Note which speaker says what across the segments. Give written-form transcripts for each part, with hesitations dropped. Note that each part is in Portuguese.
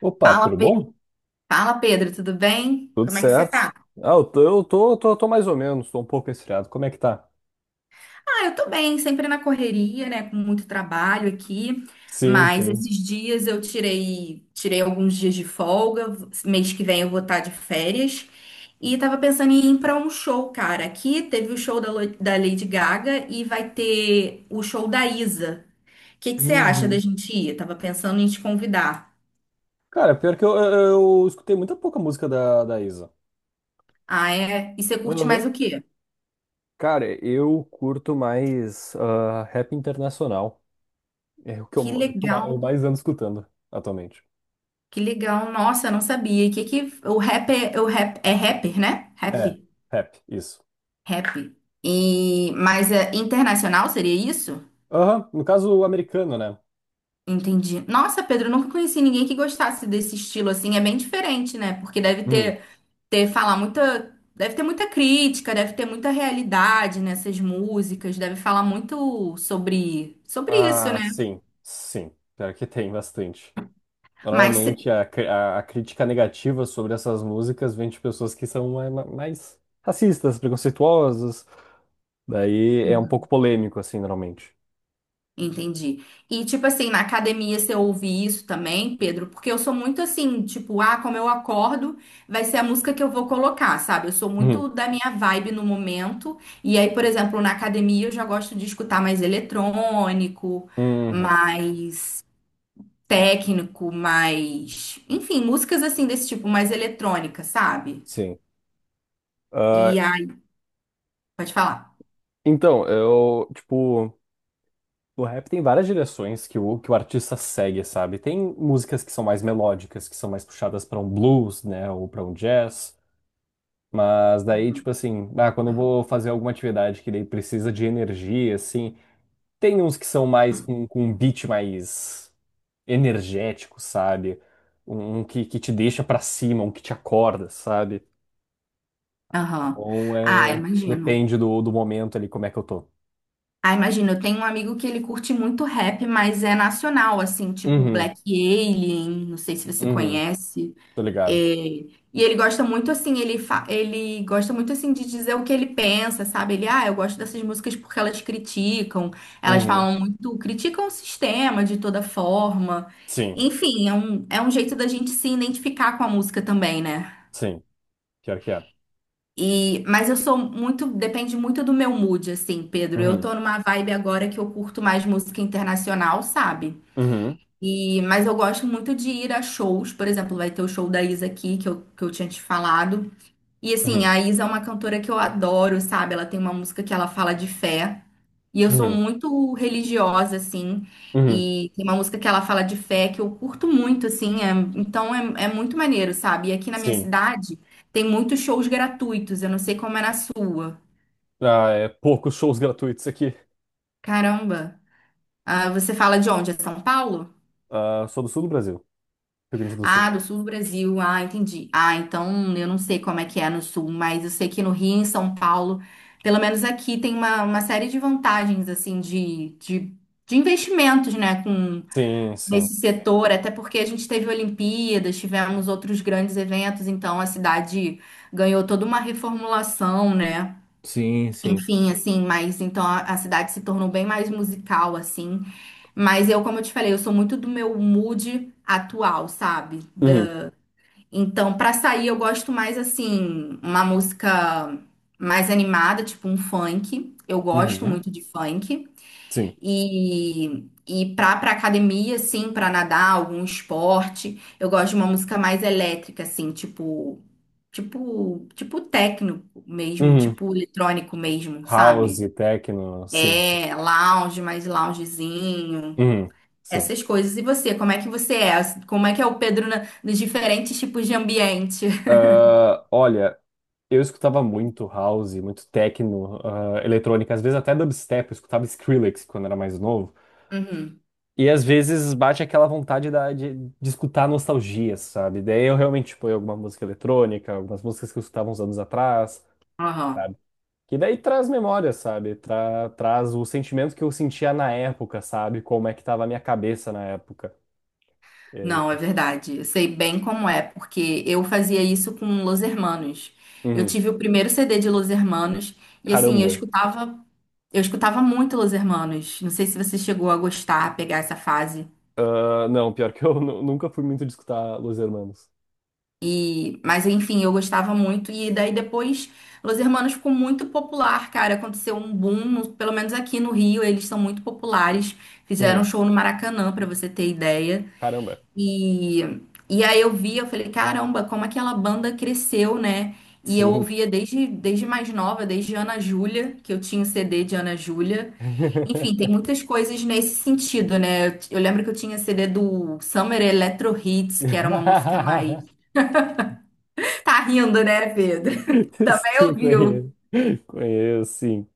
Speaker 1: Opa,
Speaker 2: Fala,
Speaker 1: tudo
Speaker 2: Pe-
Speaker 1: bom?
Speaker 2: Fala, Pedro, tudo bem?
Speaker 1: Tudo
Speaker 2: Como é que você
Speaker 1: certo?
Speaker 2: tá?
Speaker 1: Eu tô mais ou menos, tô um pouco resfriado. Como é que tá?
Speaker 2: Ah, eu tô bem, sempre na correria, né? Com muito trabalho aqui,
Speaker 1: Sim,
Speaker 2: mas
Speaker 1: sim.
Speaker 2: esses dias eu tirei alguns dias de folga. Mês que vem eu vou estar de férias e tava pensando em ir pra um show, cara. Aqui teve o show da Lady Gaga e vai ter o show da Isa. O que que você acha da
Speaker 1: Uhum.
Speaker 2: gente ir? Tava pensando em te convidar.
Speaker 1: Cara, pior que eu escutei muita pouca música da Isa.
Speaker 2: Ah, é? E você curte
Speaker 1: Aham.
Speaker 2: mais o quê?
Speaker 1: Cara, eu curto mais rap internacional. É o que eu,
Speaker 2: Que
Speaker 1: o que eu ma-
Speaker 2: legal.
Speaker 1: eu mais ando escutando atualmente.
Speaker 2: Que legal, nossa, eu não sabia. E que o rap é rapper, né?
Speaker 1: É, rap, isso.
Speaker 2: Rap. E mas é internacional seria isso?
Speaker 1: Aham, no caso o americano, né?
Speaker 2: Entendi. Nossa, Pedro, eu nunca conheci ninguém que gostasse desse estilo assim, é bem diferente, né? Porque deve
Speaker 1: Uhum.
Speaker 2: ter ter falar muita, deve ter muita crítica, deve ter muita realidade nessas músicas, deve falar muito sobre isso,
Speaker 1: Ah,
Speaker 2: né?
Speaker 1: sim, sim. Pior que tem bastante.
Speaker 2: Mas
Speaker 1: Normalmente a crítica negativa sobre essas músicas vem de pessoas que são mais racistas, preconceituosas. Daí é um pouco polêmico, assim, normalmente.
Speaker 2: Entendi. E, tipo assim, na academia você ouve isso também, Pedro? Porque eu sou muito assim, tipo, ah, como eu acordo, vai ser a música que eu vou colocar, sabe? Eu sou
Speaker 1: Uhum.
Speaker 2: muito da minha vibe no momento. E aí, por exemplo, na academia eu já gosto de escutar mais eletrônico,
Speaker 1: Uhum.
Speaker 2: mais técnico, mais. Enfim, músicas assim desse tipo, mais eletrônica, sabe?
Speaker 1: Sim. Ah,
Speaker 2: E aí, pode falar.
Speaker 1: então, o rap tem várias direções que o artista segue, sabe? Tem músicas que são mais melódicas, que são mais puxadas para um blues, né, ou para um jazz. Mas daí, tipo assim, quando eu vou fazer alguma atividade que daí precisa de energia, assim. Tem uns que são mais com um beat mais energético, sabe? Um que te deixa pra cima, um que te acorda, sabe?
Speaker 2: Aham.
Speaker 1: Então é.
Speaker 2: Ah, imagino.
Speaker 1: Depende do momento ali, como é que eu tô.
Speaker 2: Ah, imagina, eu tenho um amigo que ele curte muito rap, mas é nacional, assim, tipo
Speaker 1: Uhum,
Speaker 2: Black Alien, não sei se você
Speaker 1: uhum,
Speaker 2: conhece.
Speaker 1: tô
Speaker 2: É.
Speaker 1: ligado.
Speaker 2: E ele gosta muito, assim, ele gosta muito, assim, de dizer o que ele pensa, sabe? Ele, ah, eu gosto dessas músicas porque elas criticam, elas
Speaker 1: Uhum,
Speaker 2: falam muito, criticam o sistema de toda forma.
Speaker 1: sim,
Speaker 2: Enfim, é um jeito da gente se identificar com a música também, né?
Speaker 1: sim, pior que é.
Speaker 2: E, mas eu sou muito, depende muito do meu mood, assim, Pedro. Eu
Speaker 1: Uhum,
Speaker 2: tô numa vibe agora que eu curto mais música internacional, sabe?
Speaker 1: uhum,
Speaker 2: E, mas eu gosto muito de ir a shows, por exemplo, vai ter o show da Isa aqui, que eu tinha te falado. E assim,
Speaker 1: uhum,
Speaker 2: a Isa é uma cantora que eu adoro, sabe? Ela tem uma música que ela fala de fé. E eu sou
Speaker 1: uhum,
Speaker 2: muito religiosa, assim.
Speaker 1: uhum,
Speaker 2: E tem uma música que ela fala de fé que eu curto muito, assim. Então é muito maneiro, sabe? E aqui na minha
Speaker 1: sim.
Speaker 2: cidade tem muitos shows gratuitos. Eu não sei como é na sua.
Speaker 1: Ah, é poucos shows gratuitos aqui.
Speaker 2: Caramba. Ah, você fala de onde? É São Paulo?
Speaker 1: Ah, sou do sul do Brasil, Rio Grande do
Speaker 2: Ah,
Speaker 1: Sul.
Speaker 2: do sul do Brasil. Ah, entendi. Ah, então eu não sei como é que é no sul, mas eu sei que no Rio, em São Paulo, pelo menos aqui tem uma série de vantagens, assim, de investimentos, né, com
Speaker 1: Sim, sim.
Speaker 2: nesse setor, até porque a gente teve Olimpíadas, tivemos outros grandes eventos, então a cidade ganhou toda uma reformulação, né?
Speaker 1: Sim, sim.
Speaker 2: Enfim, assim, mas então a cidade se tornou bem mais musical, assim. Mas eu, como eu te falei, eu sou muito do meu mood atual, sabe?
Speaker 1: Uhum,
Speaker 2: Então, pra sair, eu gosto mais assim, uma música mais animada, tipo um funk. Eu gosto
Speaker 1: uhum,
Speaker 2: muito de funk.
Speaker 1: sim.
Speaker 2: E, pra academia, assim, pra nadar, algum esporte, eu gosto de uma música mais elétrica, assim, tipo técnico mesmo,
Speaker 1: Uhum.
Speaker 2: tipo eletrônico mesmo,
Speaker 1: House,
Speaker 2: sabe?
Speaker 1: techno, sim.
Speaker 2: É, lounge, mais loungezinho.
Speaker 1: Uhum, sim.
Speaker 2: Essas coisas. E você, como é que você é? Como é que é o Pedro nos diferentes tipos de ambiente?
Speaker 1: Ah, olha, eu escutava muito house, muito techno, eletrônica, às vezes até dubstep, eu escutava Skrillex quando era mais novo.
Speaker 2: Uhum.
Speaker 1: E às vezes bate aquela vontade de escutar nostalgia, sabe? Daí eu realmente ponho alguma música eletrônica, algumas músicas que eu escutava uns anos atrás,
Speaker 2: Aham.
Speaker 1: sabe? Que daí traz memória, sabe? Traz o sentimento que eu sentia na época, sabe? Como é que tava a minha cabeça na época. E aí,
Speaker 2: Não, é verdade. Eu sei bem como é, porque eu fazia isso com Los Hermanos. Eu
Speaker 1: uhum,
Speaker 2: tive o primeiro CD de Los Hermanos e assim,
Speaker 1: caramba.
Speaker 2: eu escutava muito Los Hermanos. Não sei se você chegou a gostar, a pegar essa fase.
Speaker 1: Ah, não, pior que eu nunca fui muito de escutar Los Hermanos.
Speaker 2: E, mas enfim, eu gostava muito e daí depois Los Hermanos ficou muito popular, cara. Aconteceu um boom, pelo menos aqui no Rio, eles são muito populares. Fizeram um
Speaker 1: Uhum.
Speaker 2: show no Maracanã, pra você ter ideia.
Speaker 1: Caramba.
Speaker 2: E, e aí eu via, eu falei, caramba, como aquela banda cresceu, né? E eu
Speaker 1: Sim.
Speaker 2: ouvia desde mais nova, desde Ana Júlia, que eu tinha o CD de Ana Júlia. Enfim, tem muitas coisas nesse sentido, né? Eu lembro que eu tinha CD do Summer Electro Hits, que era uma música mais. Tá rindo, né, Pedro? Também
Speaker 1: Sim,
Speaker 2: ouviu.
Speaker 1: conheço. Conheço, sim.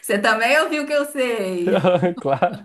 Speaker 2: Você também ouviu o que eu sei.
Speaker 1: Claro,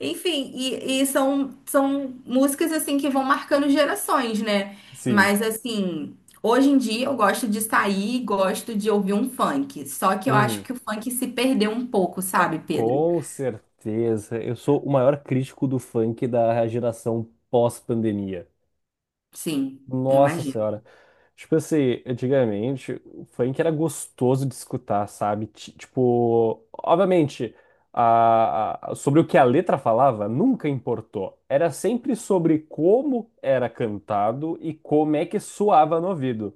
Speaker 2: Enfim, e são, são músicas assim que vão marcando gerações, né?
Speaker 1: sim.
Speaker 2: Mas assim, hoje em dia eu gosto de sair e gosto de ouvir um funk. Só que eu acho
Speaker 1: Uhum.
Speaker 2: que o funk se perdeu um pouco,
Speaker 1: Tá,
Speaker 2: sabe, Pedro?
Speaker 1: com certeza. Eu sou o maior crítico do funk da geração pós-pandemia.
Speaker 2: Sim, eu
Speaker 1: Nossa
Speaker 2: imagino.
Speaker 1: senhora. Tipo assim, antigamente, o funk era gostoso de escutar, sabe? Tipo, obviamente, sobre o que a letra falava nunca importou. Era sempre sobre como era cantado e como é que soava no ouvido.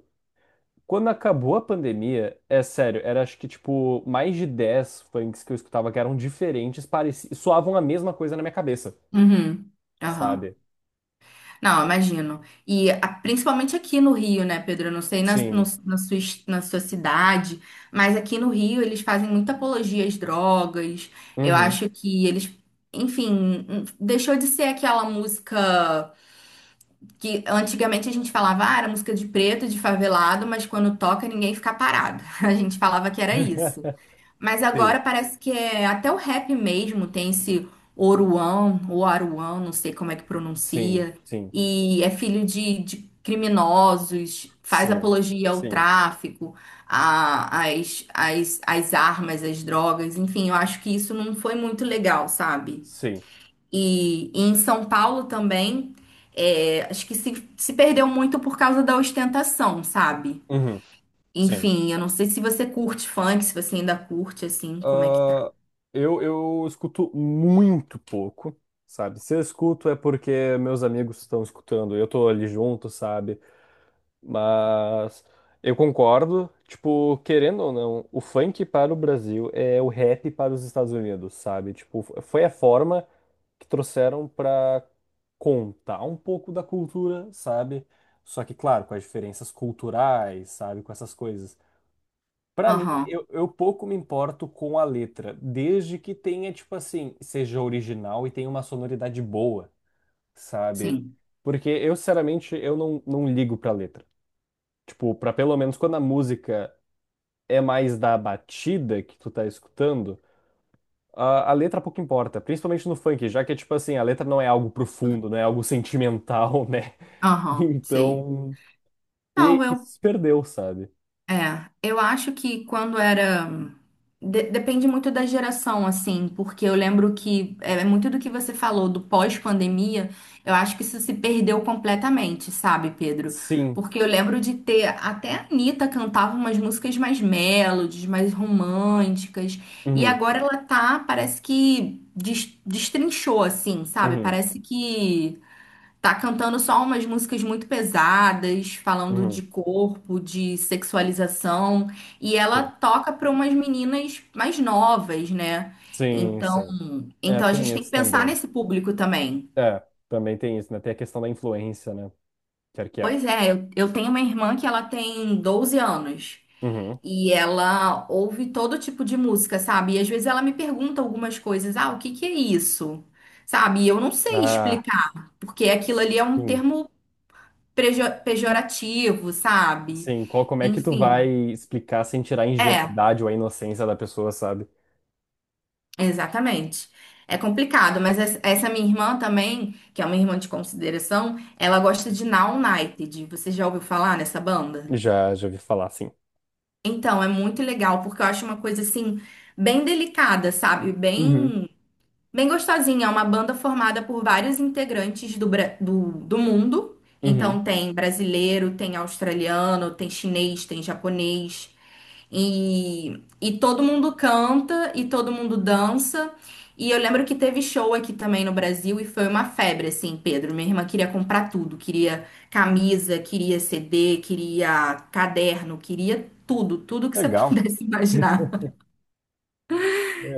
Speaker 1: Quando acabou a pandemia, é sério, era acho que tipo mais de 10 funks que eu escutava que eram diferentes, pareci, soavam a mesma coisa na minha cabeça,
Speaker 2: Uhum. Aham.
Speaker 1: sabe?
Speaker 2: Não, imagino. E principalmente aqui no Rio, né, Pedro? Eu não sei na, no-
Speaker 1: Sim.
Speaker 2: na sua, na sua cidade, mas aqui no Rio eles fazem muita apologia às drogas. Eu
Speaker 1: Uhum.
Speaker 2: acho que eles, enfim, deixou de ser aquela música que antigamente a gente falava, ah, era música de preto, de favelado, mas quando toca ninguém fica parado. A gente falava que era isso. Mas
Speaker 1: Sim,
Speaker 2: agora parece que é até o rap mesmo tem esse Oruan, ou Aruan, não sei como é que
Speaker 1: sim,
Speaker 2: pronuncia,
Speaker 1: sim,
Speaker 2: e é filho de criminosos, faz
Speaker 1: sim.
Speaker 2: apologia ao
Speaker 1: Sim.
Speaker 2: tráfico, às armas, às drogas, enfim, eu acho que isso não foi muito legal, sabe?
Speaker 1: Sim.
Speaker 2: E em São Paulo também, é, acho que se perdeu muito por causa da ostentação, sabe?
Speaker 1: Uhum. Sim.
Speaker 2: Enfim, eu não sei se você curte funk, se você ainda curte, assim, como é que tá.
Speaker 1: Ah, eu escuto muito pouco, sabe? Se eu escuto é porque meus amigos estão escutando, eu tô ali junto, sabe? Mas eu concordo, tipo, querendo ou não, o funk para o Brasil é o rap para os Estados Unidos, sabe? Tipo, foi a forma que trouxeram para contar um pouco da cultura, sabe? Só que, claro, com as diferenças culturais, sabe? Com essas coisas. Pra mim,
Speaker 2: Aham,
Speaker 1: eu pouco me importo com a letra, desde que tenha, tipo assim, seja original e tenha uma sonoridade boa, sabe?
Speaker 2: sim.
Speaker 1: Porque eu, sinceramente, eu não, não ligo pra letra. Tipo, pra pelo menos quando a música é mais da batida que tu tá escutando, a letra pouco importa, principalmente no funk, já que, tipo assim, a letra não é algo profundo, não é algo sentimental, né?
Speaker 2: Aham, sei.
Speaker 1: Então,
Speaker 2: Não,
Speaker 1: e
Speaker 2: eu.
Speaker 1: se perdeu, sabe?
Speaker 2: É, eu acho que quando era. Depende muito da geração, assim, porque eu lembro que é muito do que você falou do pós-pandemia, eu acho que isso se perdeu completamente, sabe, Pedro?
Speaker 1: Sim.
Speaker 2: Porque eu lembro de ter. Até a Anitta cantava umas músicas mais melodies, mais românticas, e
Speaker 1: Uhum,
Speaker 2: agora ela tá, parece que destrinchou, assim, sabe?
Speaker 1: uhum,
Speaker 2: Parece que. Tá cantando só umas músicas muito pesadas, falando de
Speaker 1: uhum.
Speaker 2: corpo, de sexualização, e ela
Speaker 1: Sim.
Speaker 2: toca para umas meninas mais novas, né?
Speaker 1: Sim,
Speaker 2: Então,
Speaker 1: sim. É,
Speaker 2: então a
Speaker 1: tem
Speaker 2: gente tem que
Speaker 1: isso
Speaker 2: pensar
Speaker 1: também.
Speaker 2: nesse público também.
Speaker 1: É, também tem isso, né? Tem a questão da influência, né? Quer que é.
Speaker 2: Pois é, eu tenho uma irmã que ela tem 12 anos
Speaker 1: Uhum.
Speaker 2: e ela ouve todo tipo de música, sabe? E às vezes ela me pergunta algumas coisas, ah, o que que é isso? Sabe? E eu não sei
Speaker 1: Ah,
Speaker 2: explicar, porque aquilo ali é um
Speaker 1: sim.
Speaker 2: termo pejorativo, sabe?
Speaker 1: Sim, qual, como é que tu vai
Speaker 2: Enfim,
Speaker 1: explicar sem tirar a
Speaker 2: é,
Speaker 1: ingenuidade ou a inocência da pessoa, sabe?
Speaker 2: exatamente. É complicado, mas essa minha irmã também, que é uma irmã de consideração, ela gosta de Now United. Você já ouviu falar nessa banda?
Speaker 1: Já, já ouvi falar, sim.
Speaker 2: Então, é muito legal, porque eu acho uma coisa assim, bem delicada, sabe?
Speaker 1: Uhum.
Speaker 2: Bem gostosinha. É uma banda formada por vários integrantes do mundo.
Speaker 1: Uhum.
Speaker 2: Então, tem brasileiro, tem australiano, tem chinês, tem japonês. E todo mundo canta e todo mundo dança. E eu lembro que teve show aqui também no Brasil e foi uma febre, assim, Pedro. Minha irmã queria comprar tudo, queria camisa, queria CD, queria caderno, queria tudo, tudo que você
Speaker 1: Legal.
Speaker 2: pudesse imaginar.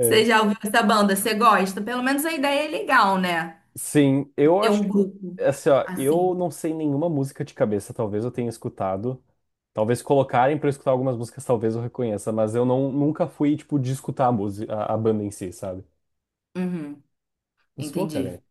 Speaker 2: Você já ouviu essa banda? Você gosta? Pelo menos a ideia é legal, né?
Speaker 1: Sim, eu
Speaker 2: Ter
Speaker 1: acho,
Speaker 2: um grupo
Speaker 1: assim, ó, eu
Speaker 2: assim.
Speaker 1: não sei nenhuma música de cabeça, talvez eu tenha escutado. Talvez colocarem pra eu escutar algumas músicas, talvez eu reconheça, mas eu não, nunca fui, tipo, de escutar a música, a banda em si, sabe?
Speaker 2: Uhum,
Speaker 1: Mas, pô, cara,
Speaker 2: entendi.
Speaker 1: é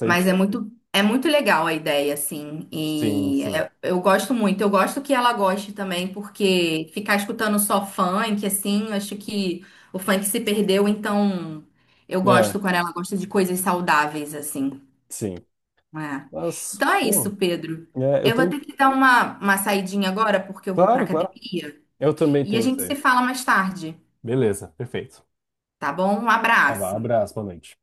Speaker 2: Mas é muito legal a ideia, assim.
Speaker 1: Sim, sim.
Speaker 2: Eu gosto muito. Eu gosto que ela goste também, porque ficar escutando só funk, assim, eu acho que o funk se perdeu, então eu
Speaker 1: É,
Speaker 2: gosto quando ela gosta de coisas saudáveis, assim.
Speaker 1: sim.
Speaker 2: Né?
Speaker 1: Mas,
Speaker 2: Então é
Speaker 1: pô,
Speaker 2: isso, Pedro.
Speaker 1: é, eu
Speaker 2: Eu vou ter
Speaker 1: tenho.
Speaker 2: que dar uma saidinha agora, porque eu vou pra
Speaker 1: Claro, claro.
Speaker 2: academia.
Speaker 1: Eu também
Speaker 2: E a
Speaker 1: tenho que
Speaker 2: gente se
Speaker 1: sair.
Speaker 2: fala mais tarde,
Speaker 1: Beleza, perfeito.
Speaker 2: tá bom? Um
Speaker 1: Tá bom,
Speaker 2: abraço.
Speaker 1: abraço, boa noite.